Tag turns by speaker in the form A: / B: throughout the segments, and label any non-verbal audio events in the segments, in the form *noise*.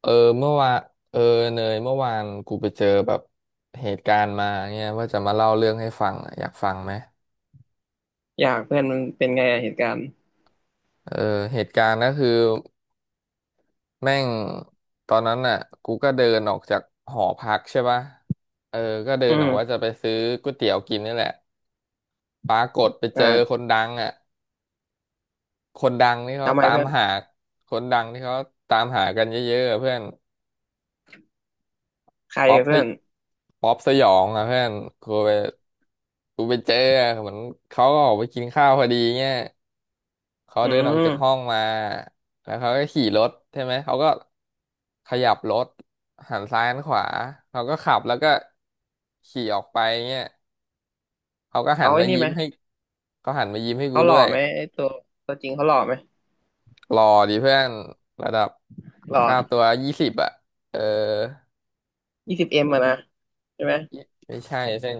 A: เออเมื่อวานเออเนยเมื่อวานกูไปเจอแบบเหตุการณ์มาเนี่ยว่าจะมาเล่าเรื่องให้ฟังอะอยากฟังไหม
B: อยากเพื่อนมันเป็นไงอะเหตุการณ์
A: เออเหตุการณ์ก็คือแม่งตอนนั้นน่ะกูก็เดินออกจากหอพักใช่ปะเออก็เดิ
B: อื
A: นออกว่า
B: ม
A: จะไปซื้อก๋วยเตี๋ยวกินนี่แหละปรากฏไปเจ
B: อ่า
A: อคนดังอ่ะคนดังนี่เขา
B: ทำไม
A: ตาม
B: เพื่อน
A: หาคนดังที่เขาตามหากันเยอะๆอะเพื่อน
B: ใคร
A: ป๊อป
B: อะ
A: ส
B: เพื่
A: ย
B: อน
A: ป๊อปสยองอ่ะเพื่อนกูไปกูไปเจออะเหมือนเขาก็ออกไปกินข้าวพอดีเงี้ยเขา
B: อื
A: เดินออกจากห้อ
B: ม
A: งมาแล้วเขาก็ขี่รถใช่ไหมเขาก็ขยับรถหันซ้ายหันขวาเขาก็ขับแล้วก็ขี่ออกไปเงี้ยเขาก็หั
B: เขา
A: น
B: ไอ้
A: มา
B: นี่ไห
A: ยิ้
B: ม
A: มให้เขาหันมายิ้มให้กู
B: เขาหล่อ
A: ด้วย
B: ไหมไอ้ตัวตัวจริงเขาหล่อไหม
A: หล่อดีเพื่อนระดับ
B: หล่อ
A: ค่าตัวยี่สิบอ่ะเออ
B: 20Mอะนะใช่ไหม
A: ไม่ใช่เส้น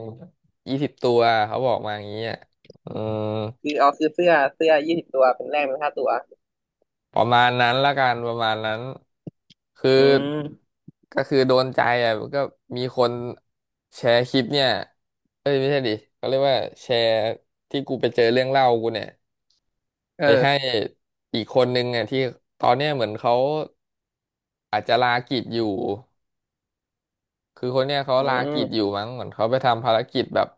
A: 20 ตัวเขาบอกมาอย่างนี้ยอืม
B: คือเอาซื้อเสื้อเสื้อ20 ตัวเป็นแรกเป็นค่าตัว
A: ประมาณนั้นละกันประมาณนั้นคือ
B: อืม
A: ก็คือโดนใจอ่ะก็มีคนแชร์คลิปเนี่ยเอ้ยไม่ใช่ดิเขาเรียกว่าแชร์ที่กูไปเจอเรื่องเล่ากูเนี่ยไปให้
B: เออ
A: อีกคนนึงอ่ะที่ตอนเนี้ยเหมือนเขาอาจจะลากิจอยู่คือคนเนี้ยเขา
B: อื
A: ลากิจอยู่
B: ม
A: มั้งเหมือนเขาไปทำภารกิจแบบ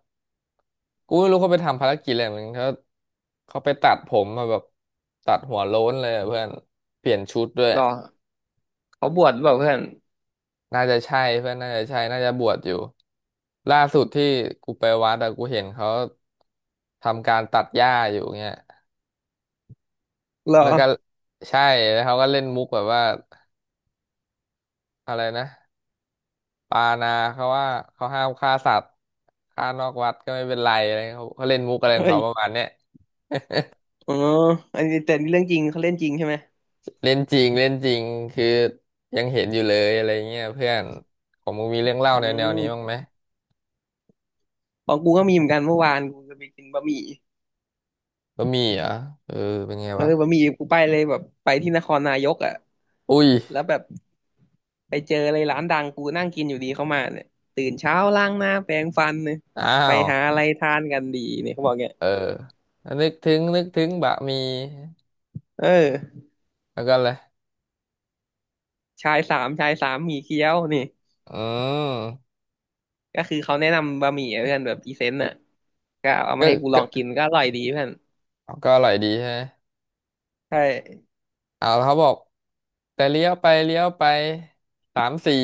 A: กูไม่รู้เขาไปทำภารกิจอะไรเหมือนเขาเขาไปตัดผมมาแบบตัดหัวโล้นเลยอะเพื่อนเปลี่ยนชุดด้วย
B: หล่อเขาบวชหรือเปล่าเพื่อน
A: น่าจะใช่เพื่อนน่าจะใช่น่าจะบวชอยู่ล่าสุดที่กูไปวัดอะกูเห็นเขาทำการตัดหญ้าอยู่เงี้ย
B: หล่อ
A: แล้วก็ใช่แล้วเขาก็เล่นมุกแบบว่าอะไรนะปานาเขาว่าเขาห้ามฆ่าสัตว์ฆ่านอกวัดก็ไม่เป็นไรอะไรเขาเขาเล่นมุกอะไรของ
B: เอ้ย
A: เขาประมาณเนี้ย
B: อ๋ออันนี้แต่นี่เรื่องจริงเขาเล่นจริงใช่ไหม
A: เล่นจริงเล่นจริงคือยังเห็นอยู่เลยอะไรเงี้ยเพื่อนของมึงมีเรื่องเล่า
B: อื
A: แนวนี้บ้าง
B: ม
A: ไหม
B: ของกูก็มีเหมือนกันเมื่อวานกูจะไปกินบะหมี่
A: ก็มีเหรอเออเป็นไง
B: เออ
A: วะ
B: บะหมี่กูไปเลยแบบไปที่นครนายกอ่ะ
A: อุ้ย
B: แล้วแบบ ไปเจอเลยร้านดังกูนั่งกินอยู่ดีเข้ามาเนี่ยตื่นเช้าล้างหน้าแปรงฟันเนี่ย
A: อ้า
B: ไป
A: ว
B: หาอะไรทานกันดีเนี่ยเขาบอกเนี่ย
A: เออนึกถึงบะหมี่
B: เออ
A: แล้วก็อะไร
B: ชายสามชายสามหมี่เกี๊ยวนี่
A: อืม
B: ก็คือเขาแนะนำบะหมี่อหเพื่อนแบบพรีเซนต์อ่ะก็เอามา
A: ก็
B: ให้กูล
A: ก็
B: องกินก็อร่อยดีเพื่อน
A: ก็อร่อยดีใช่ไหม
B: ใช่
A: เอาเขาบอกแต่เลี้ยวไปเลี้ยวไปสามสี่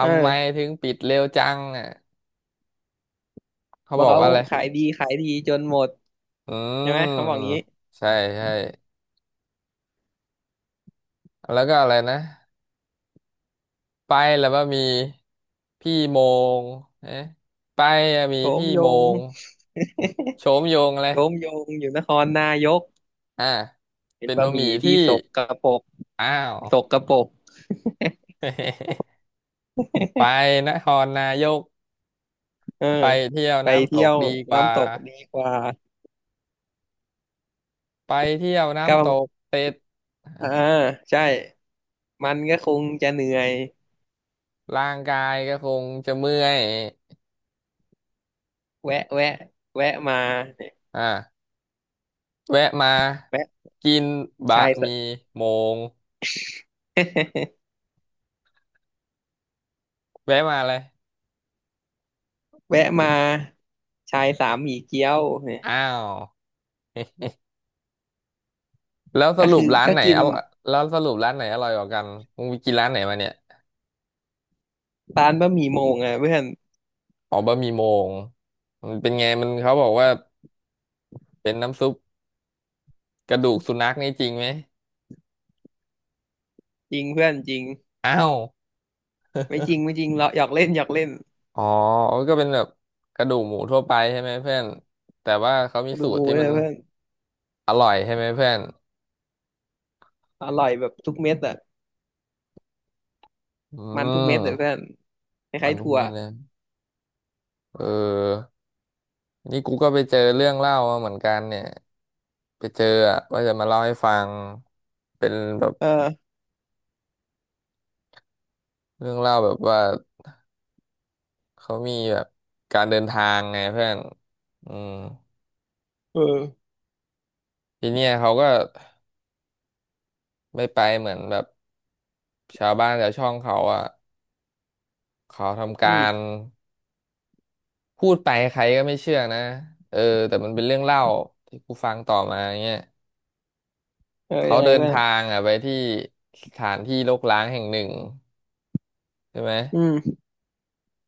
B: เอ
A: ำไม
B: อ
A: ถึงปิดเร็วจังอ่ะเขา
B: บอ
A: บ
B: ก
A: อก
B: เขา
A: ว่าอะไร
B: ขายดีขายดีจนหมด
A: อื
B: ใช่ไหมเขาบอ
A: ม
B: กงี้
A: ใช่ใช่แล้วก็อะไรนะไปแล้วว่ามีพี่โมงเอ๊ะไปอะมี
B: โฉม
A: พี่
B: ย
A: โม
B: ง *laughs*
A: งโฉมโยงอะไร
B: โฉมยงอยู่นครนายก
A: อ่า
B: เป็น
A: เป็น
B: บะ
A: บะ
B: ห
A: หมี่
B: มี่
A: ที่
B: ที่สกปรก
A: อ้าว
B: สกปรก
A: *laughs* ไปนครนายก
B: เออ
A: ไปเที่ยว
B: ไป
A: น้ำต
B: เที่ย
A: ก
B: ว
A: ดีกว่า
B: น้ำตกดีกว่า
A: ไปเที่ยว
B: ก็ป
A: น้ำต
B: ระมา
A: ก
B: ณ
A: เสร็จอ่า
B: อ่าใช่มันก็คงจะเหนื่อย
A: ร่างกายก็คงจะเมื่อย
B: แวะแวะแวะมา
A: อ่าแวะมา
B: แวะ
A: กินบะ
B: ชาย
A: ห
B: ส
A: มี่โมง
B: *laughs*
A: แวะมาเลย
B: แวะมาชายสามหมี่เกี๊ยวเนี่ย
A: อ้าวแล้วส
B: ก็
A: รุ
B: คื
A: ป
B: อ
A: ร้าน
B: ก็
A: ไหน
B: กิ
A: อ
B: น
A: ร่อยแล้วสรุปร้านไหนอร่อยกว่ากันมึงไปกินร้านไหนมาเนี่ย
B: ร้านบะหมี่โมงอ่ะเพื่อน
A: อ๋อบะหมี่โมงมันเป็นไงมันเขาบอกว่าเป็นน้ำซุปกระดูกสุนัขนี่จริงไหม
B: จริงเพื่อนจริง
A: อ้าว
B: ไม่จริงไม่จริงเราหยอกเล่นหยอกเล่น
A: อ๋อก็เป็นแบบกระดูกหมูทั่วไปใช่ไหมเพื่อนแต่ว่าเขามี
B: ดู
A: สูตร
B: มู
A: ที่
B: เล
A: มัน
B: ยเพื่อน
A: อร่อยใช่ไหมเพื่อน
B: อร่อยแบบทุกเม็ดอ่ะ
A: อื
B: มันทุกเม็ดเลยเพื่
A: ม
B: อนค
A: มั
B: ล้า
A: น
B: ยๆ
A: ลูก
B: ถั่ว
A: เม็ดนะเออนี่กูก็ไปเจอเรื่องเล่ามาเหมือนกันเนี่ยไปเจออะว่าจะมาเล่าให้ฟังเป็นแบบ
B: เออ
A: เรื่องเล่าแบบว่าเขามีแบบการเดินทางไงเพื่อนอืม
B: เออ
A: ทีเนี้ยเขาก็ไม่ไปเหมือนแบบชาวบ้านชาวช่องเขาอ่ะเขาทำ
B: อื
A: การ
B: ม
A: พูดไปใครก็ไม่เชื่อนะเออแต่มันเป็นเรื่องเล่าที่กูฟังต่อมาเงี้ย
B: เออ
A: เขา
B: ยังไง
A: เดิน
B: เพื่อน
A: ทางอ่ะไปที่สถานที่รกร้างแห่งหนึ่งใช่ไหม
B: อืม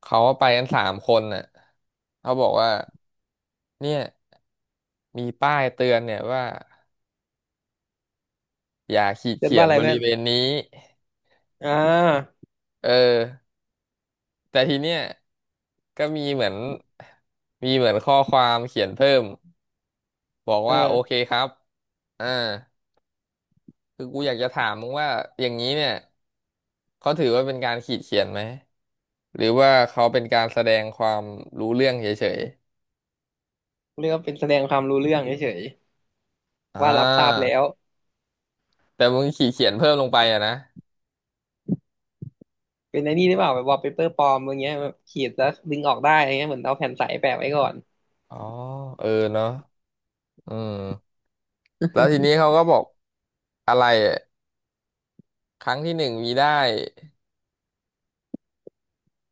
A: เขาไปกันสามคนน่ะเขาบอกว่าเนี่ยมีป้ายเตือนเนี่ยว่าอย่าขีด
B: เรียน
A: เขีย
B: ว่า
A: น
B: อะไร
A: บริ
B: เพื่อน
A: เวณนี้
B: อ่า
A: เออแต่ทีเนี้ยก็มีเหมือนข้อความเขียนเพิ่มบอก
B: เอ
A: ว่าโอ
B: อ
A: เคครับอ่า คือกูอยากจะถามมึงว่าอย่างนี้เนี่ยเขาถือว่าเป็นการขีดเขียนไหมหรือว่าเขาเป็นการแสดงความรู้เรื่องเฉย
B: เรียกว่าเป็นแสดงความรู้เรื่องเฉย
A: ๆอ่
B: ว่ารับทราบ
A: า
B: แล้ว
A: แต่มึงขีดเขียนเพิ่มลงไปอะนะ
B: เป็นไอ้นี่หรือเปล่าแบบวอลเปเปอร์ปลอมอะไรเงี้ยแบบขีดแล้วดึงออกได้อะไรเงี้ยเหมือนเอาแผ่นใสแปะไว้ก่อน
A: อ๋อเออเนาะอืมแล้วทีนี้เขาก็บอกอะไรอะครั้งที่หนึ่งมีได้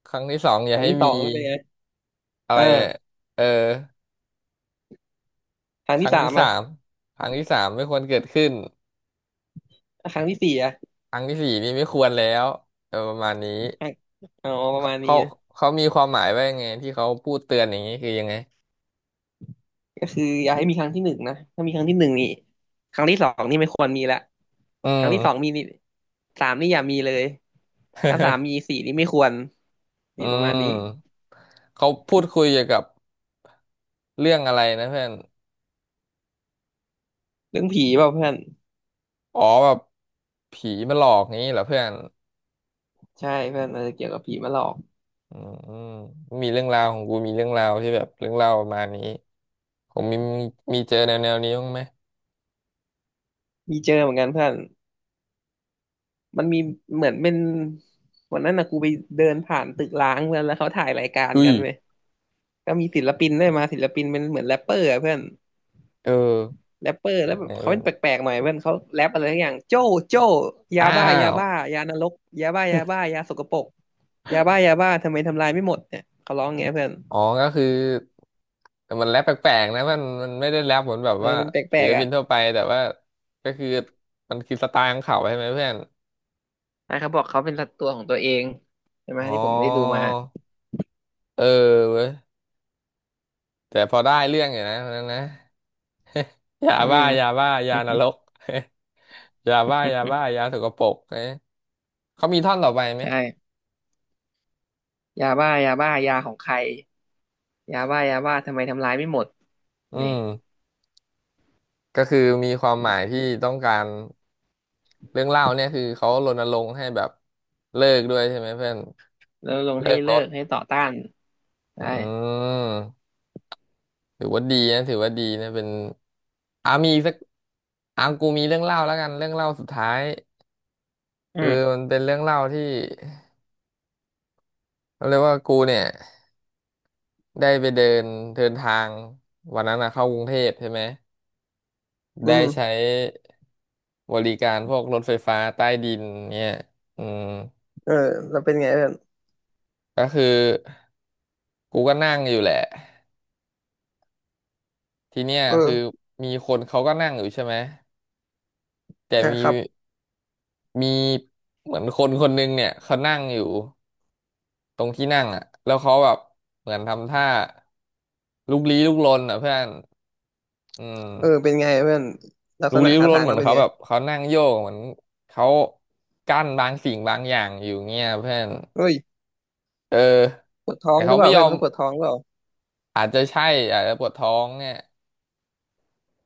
A: ครั้งที่สองอ
B: ค
A: ย่า
B: รั้ง
A: ให้
B: ที่ส
A: มี
B: องแล้วเป็นไง
A: อะไรอะ
B: อ่า
A: เออ
B: ครั้
A: ค
B: งที่
A: รั้ง
B: สา
A: ที่
B: ม
A: สา
B: อ่ะ
A: มครั้งที่สามไม่ควรเกิดขึ้น
B: ครั้งที่สี่อ่ะ
A: ครั้งที่สี่นี่ไม่ควรแล้วเออประมาณนี้
B: ครั้งอ๋อประ
A: เขา
B: มาณนี้
A: เขา
B: นะ
A: เขามีความหมายว่ายังไงที่เขาพูดเตือนอย่างนี้คือยังไง
B: ก็คืออย่าให้มีครั้งที่หนึ่งนะถ้ามีครั้งที่หนึ่งนี่ครั้งที่สองนี่ไม่ควรมีละ
A: อื
B: ครั้ง
A: ม
B: ที่สองมีนี่สามนี่อย่ามีเลยถ้าสามมีสี่นี่ไม่ควร
A: อื
B: นี่ประมาณนี้
A: มเขาพูดคุยเกี่ยวกับเรื่องอะไรนะเพื่อน
B: เรื่องผีเปล่าเพื่อน
A: อ๋อแบบผีมาหลอกงี้เหรอเพื่อน
B: ใช่เพื่อนอาจจะเกี่ยวกับผีมาหลอก
A: อืมมีเรื่องราวของกูมีเรื่องราวที่แบบเรื่องราวประมาณนี้ผมมีมีเจอแนวนี้บ้างไหม
B: มีเจอเหมือนกันเพื่อน มันมีเหมือนเป็นวันนั้นนะกูไปเดินผ่านตึกร้างเพื่อนแล้วเขาถ่ายรายการ
A: อุ้ย
B: กันเว้ยก็มีศิลปินได้วยมาศิลปินเป็นเหมือนแรปเปอร์อะเพื่อน
A: เออ
B: แรปเปอร์
A: เป็
B: แล้
A: น
B: วแบ
A: ไง
B: บเขา
A: เพื่อ
B: เป็
A: น
B: นแปลกๆหน่อยเพื่อนเขาแรปอะไรทักอย่างโจ้โจ้ยา
A: อ้า
B: บ้ายา
A: ว
B: บ้ายานรกยาบ้ายาบ้ายาสกปรกยาบ้ายาบ้าทำไมทำลายไม่หมดเนี่ยเขาร้ององเงี้ยเพื่อน
A: อ๋อก็คือแต่มันแรปแปลกๆนะมันไม่ได้แรปเหมือนแบบ
B: เออ
A: ว่า
B: มันแปล
A: ศิล
B: กๆ
A: ปิ
B: อ่ะ
A: นทั่วไปแต่ว่าก็คือมันคือสไตล์ของเขาใช่ไหมเพื่อน
B: อ่ะเขาบอกเขาเป็นัวตัวของตัวเองใช่ไหม
A: อ๋อ
B: ที่ผมได้ดูมา
A: เออเว้ยแต่พอได้เรื่องอยู่นะวันนั้นนะยา
B: อื
A: บ้ายา
B: ม
A: บ้ายานรก *laughs* ยาบ้ายาบ้ายา
B: *laughs*
A: สกปรกเอ๊ะเขามีท่อนต่อไปไหม
B: ใช่ยาบ้ายาบ้ายาของใคร ยาบ้ายาบ้าทำไมทำร้ายไม่หมด
A: อื
B: นี่
A: มก็คือมีความหมายที่ต้องการเรื่องเล่าเนี่ยคือเขารณรงค์ให้แบบเลิกด้วยใช่ไหมเพื่อน
B: แล้วลงให้
A: เลิกร
B: เลิ
A: ถ
B: กให้ต่อต้าน
A: อื
B: ได้
A: มถือว่าดีนะถือว่าดีนะเป็นมีอีกสักกูมีเรื่องเล่าแล้วกันเรื่องเล่าสุดท้าย
B: อื
A: คือ
B: ม
A: มันเป็นเรื่องเล่าที่เขาเรียกว่ากูเนี่ยได้ไปเดินเดินทางวันนั้นนะเข้ากรุงเทพใช่ไหม
B: อื
A: ได้ใช้
B: ม
A: บริการพวกรถไฟฟ้าใต้ดินเนี่ยอืม
B: เออแล้วเป็นไงเพื่อน
A: ก็คือกูก็นั่งอยู่แหละทีเนี้ย
B: เอ
A: คือ
B: อ
A: มีคนเขาก็นั่งอยู่ใช่ไหมแต่
B: อ่ะ
A: มี
B: ครับ
A: มีเหมือนคนคนหนึงเนี่ยเขานั่งอยู่ตรงที่นั่งอ่ะแล้วเขาแบบเหมือนทำท่าลุกลี้ลุกลนอ่ะเพื่อนอื
B: เออ
A: ม
B: เป็นไงเพื่อนลัก
A: ลุ
B: ษ
A: ก
B: ณะ
A: ลี้ลุก
B: ท่า
A: ลน
B: ทาง
A: เหมือ
B: เขา
A: น
B: เป็น
A: เขา
B: ไง
A: แบบเขานั่งโยกเหมือนเขากั้นบางสิ่งบางอย่างอยู่เงี้ยเพื่อน
B: เฮ้ย
A: เออ
B: ปวดท้อ
A: แต่
B: งหรื
A: เขา
B: อเป
A: ไม่
B: ล่า
A: ย
B: เพื่
A: อ
B: อน
A: ม
B: เขาปวดท้องหรือเปล่า
A: อาจจะใช่อาจจะปวดท้องเนี่ย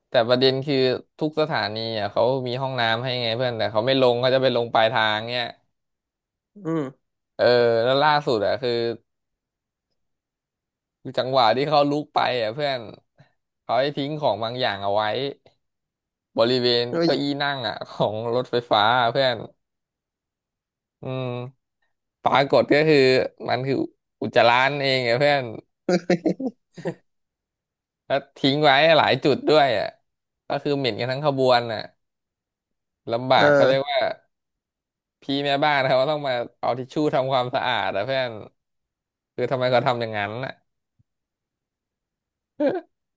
A: แต่ประเด็นคือทุกสถานีอ่ะเขามีห้องน้ำให้ไงเพื่อนแต่เขาไม่ลงเขาจะไปลงปลายทางเนี่ย
B: อืม
A: เออแล้วล่าสุดอ่ะคือจังหวะที่เขาลุกไปอ่ะเพื่อนเขาให้ทิ้งของบางอย่างเอาไว้บริเวณ
B: เฮ้ย
A: เก้าอี้นั่งอ่ะของรถไฟฟ้าอะเพื่อนอืมปรากฏก็คือมันคืออุจจาระนั่นเองอ่ะเพื่อน
B: *laughs*
A: แล้วทิ้งไว้หลายจุดด้วยอ่ะก็คือเหม็นกันทั้งขบวนอ่ะลำบา
B: เอ
A: กเขา
B: อ
A: เรียกว่าพี่แม่บ้านเขาต้องมาเอาทิชชู่ทำความสะอาดอ่ะเพื่อนคือทำไมเขาทำอย่างนั้นอ่ะ *laughs*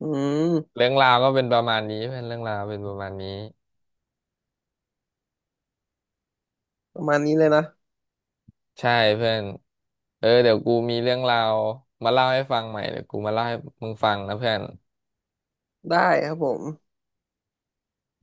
B: อืม
A: เรื่องราวก็เป็นประมาณนี้เพื่อนเรื่องราวเป็นประมาณนี้
B: ประมาณนี้เลยนะ
A: ใช่เพื่อนเออเดี๋ยวกูมีเรื่องราวมาเล่าให้ฟังใหม่เดี๋ยวกูมาเล่าให้มึงฟังนะเพื่อน
B: ได้ครับผม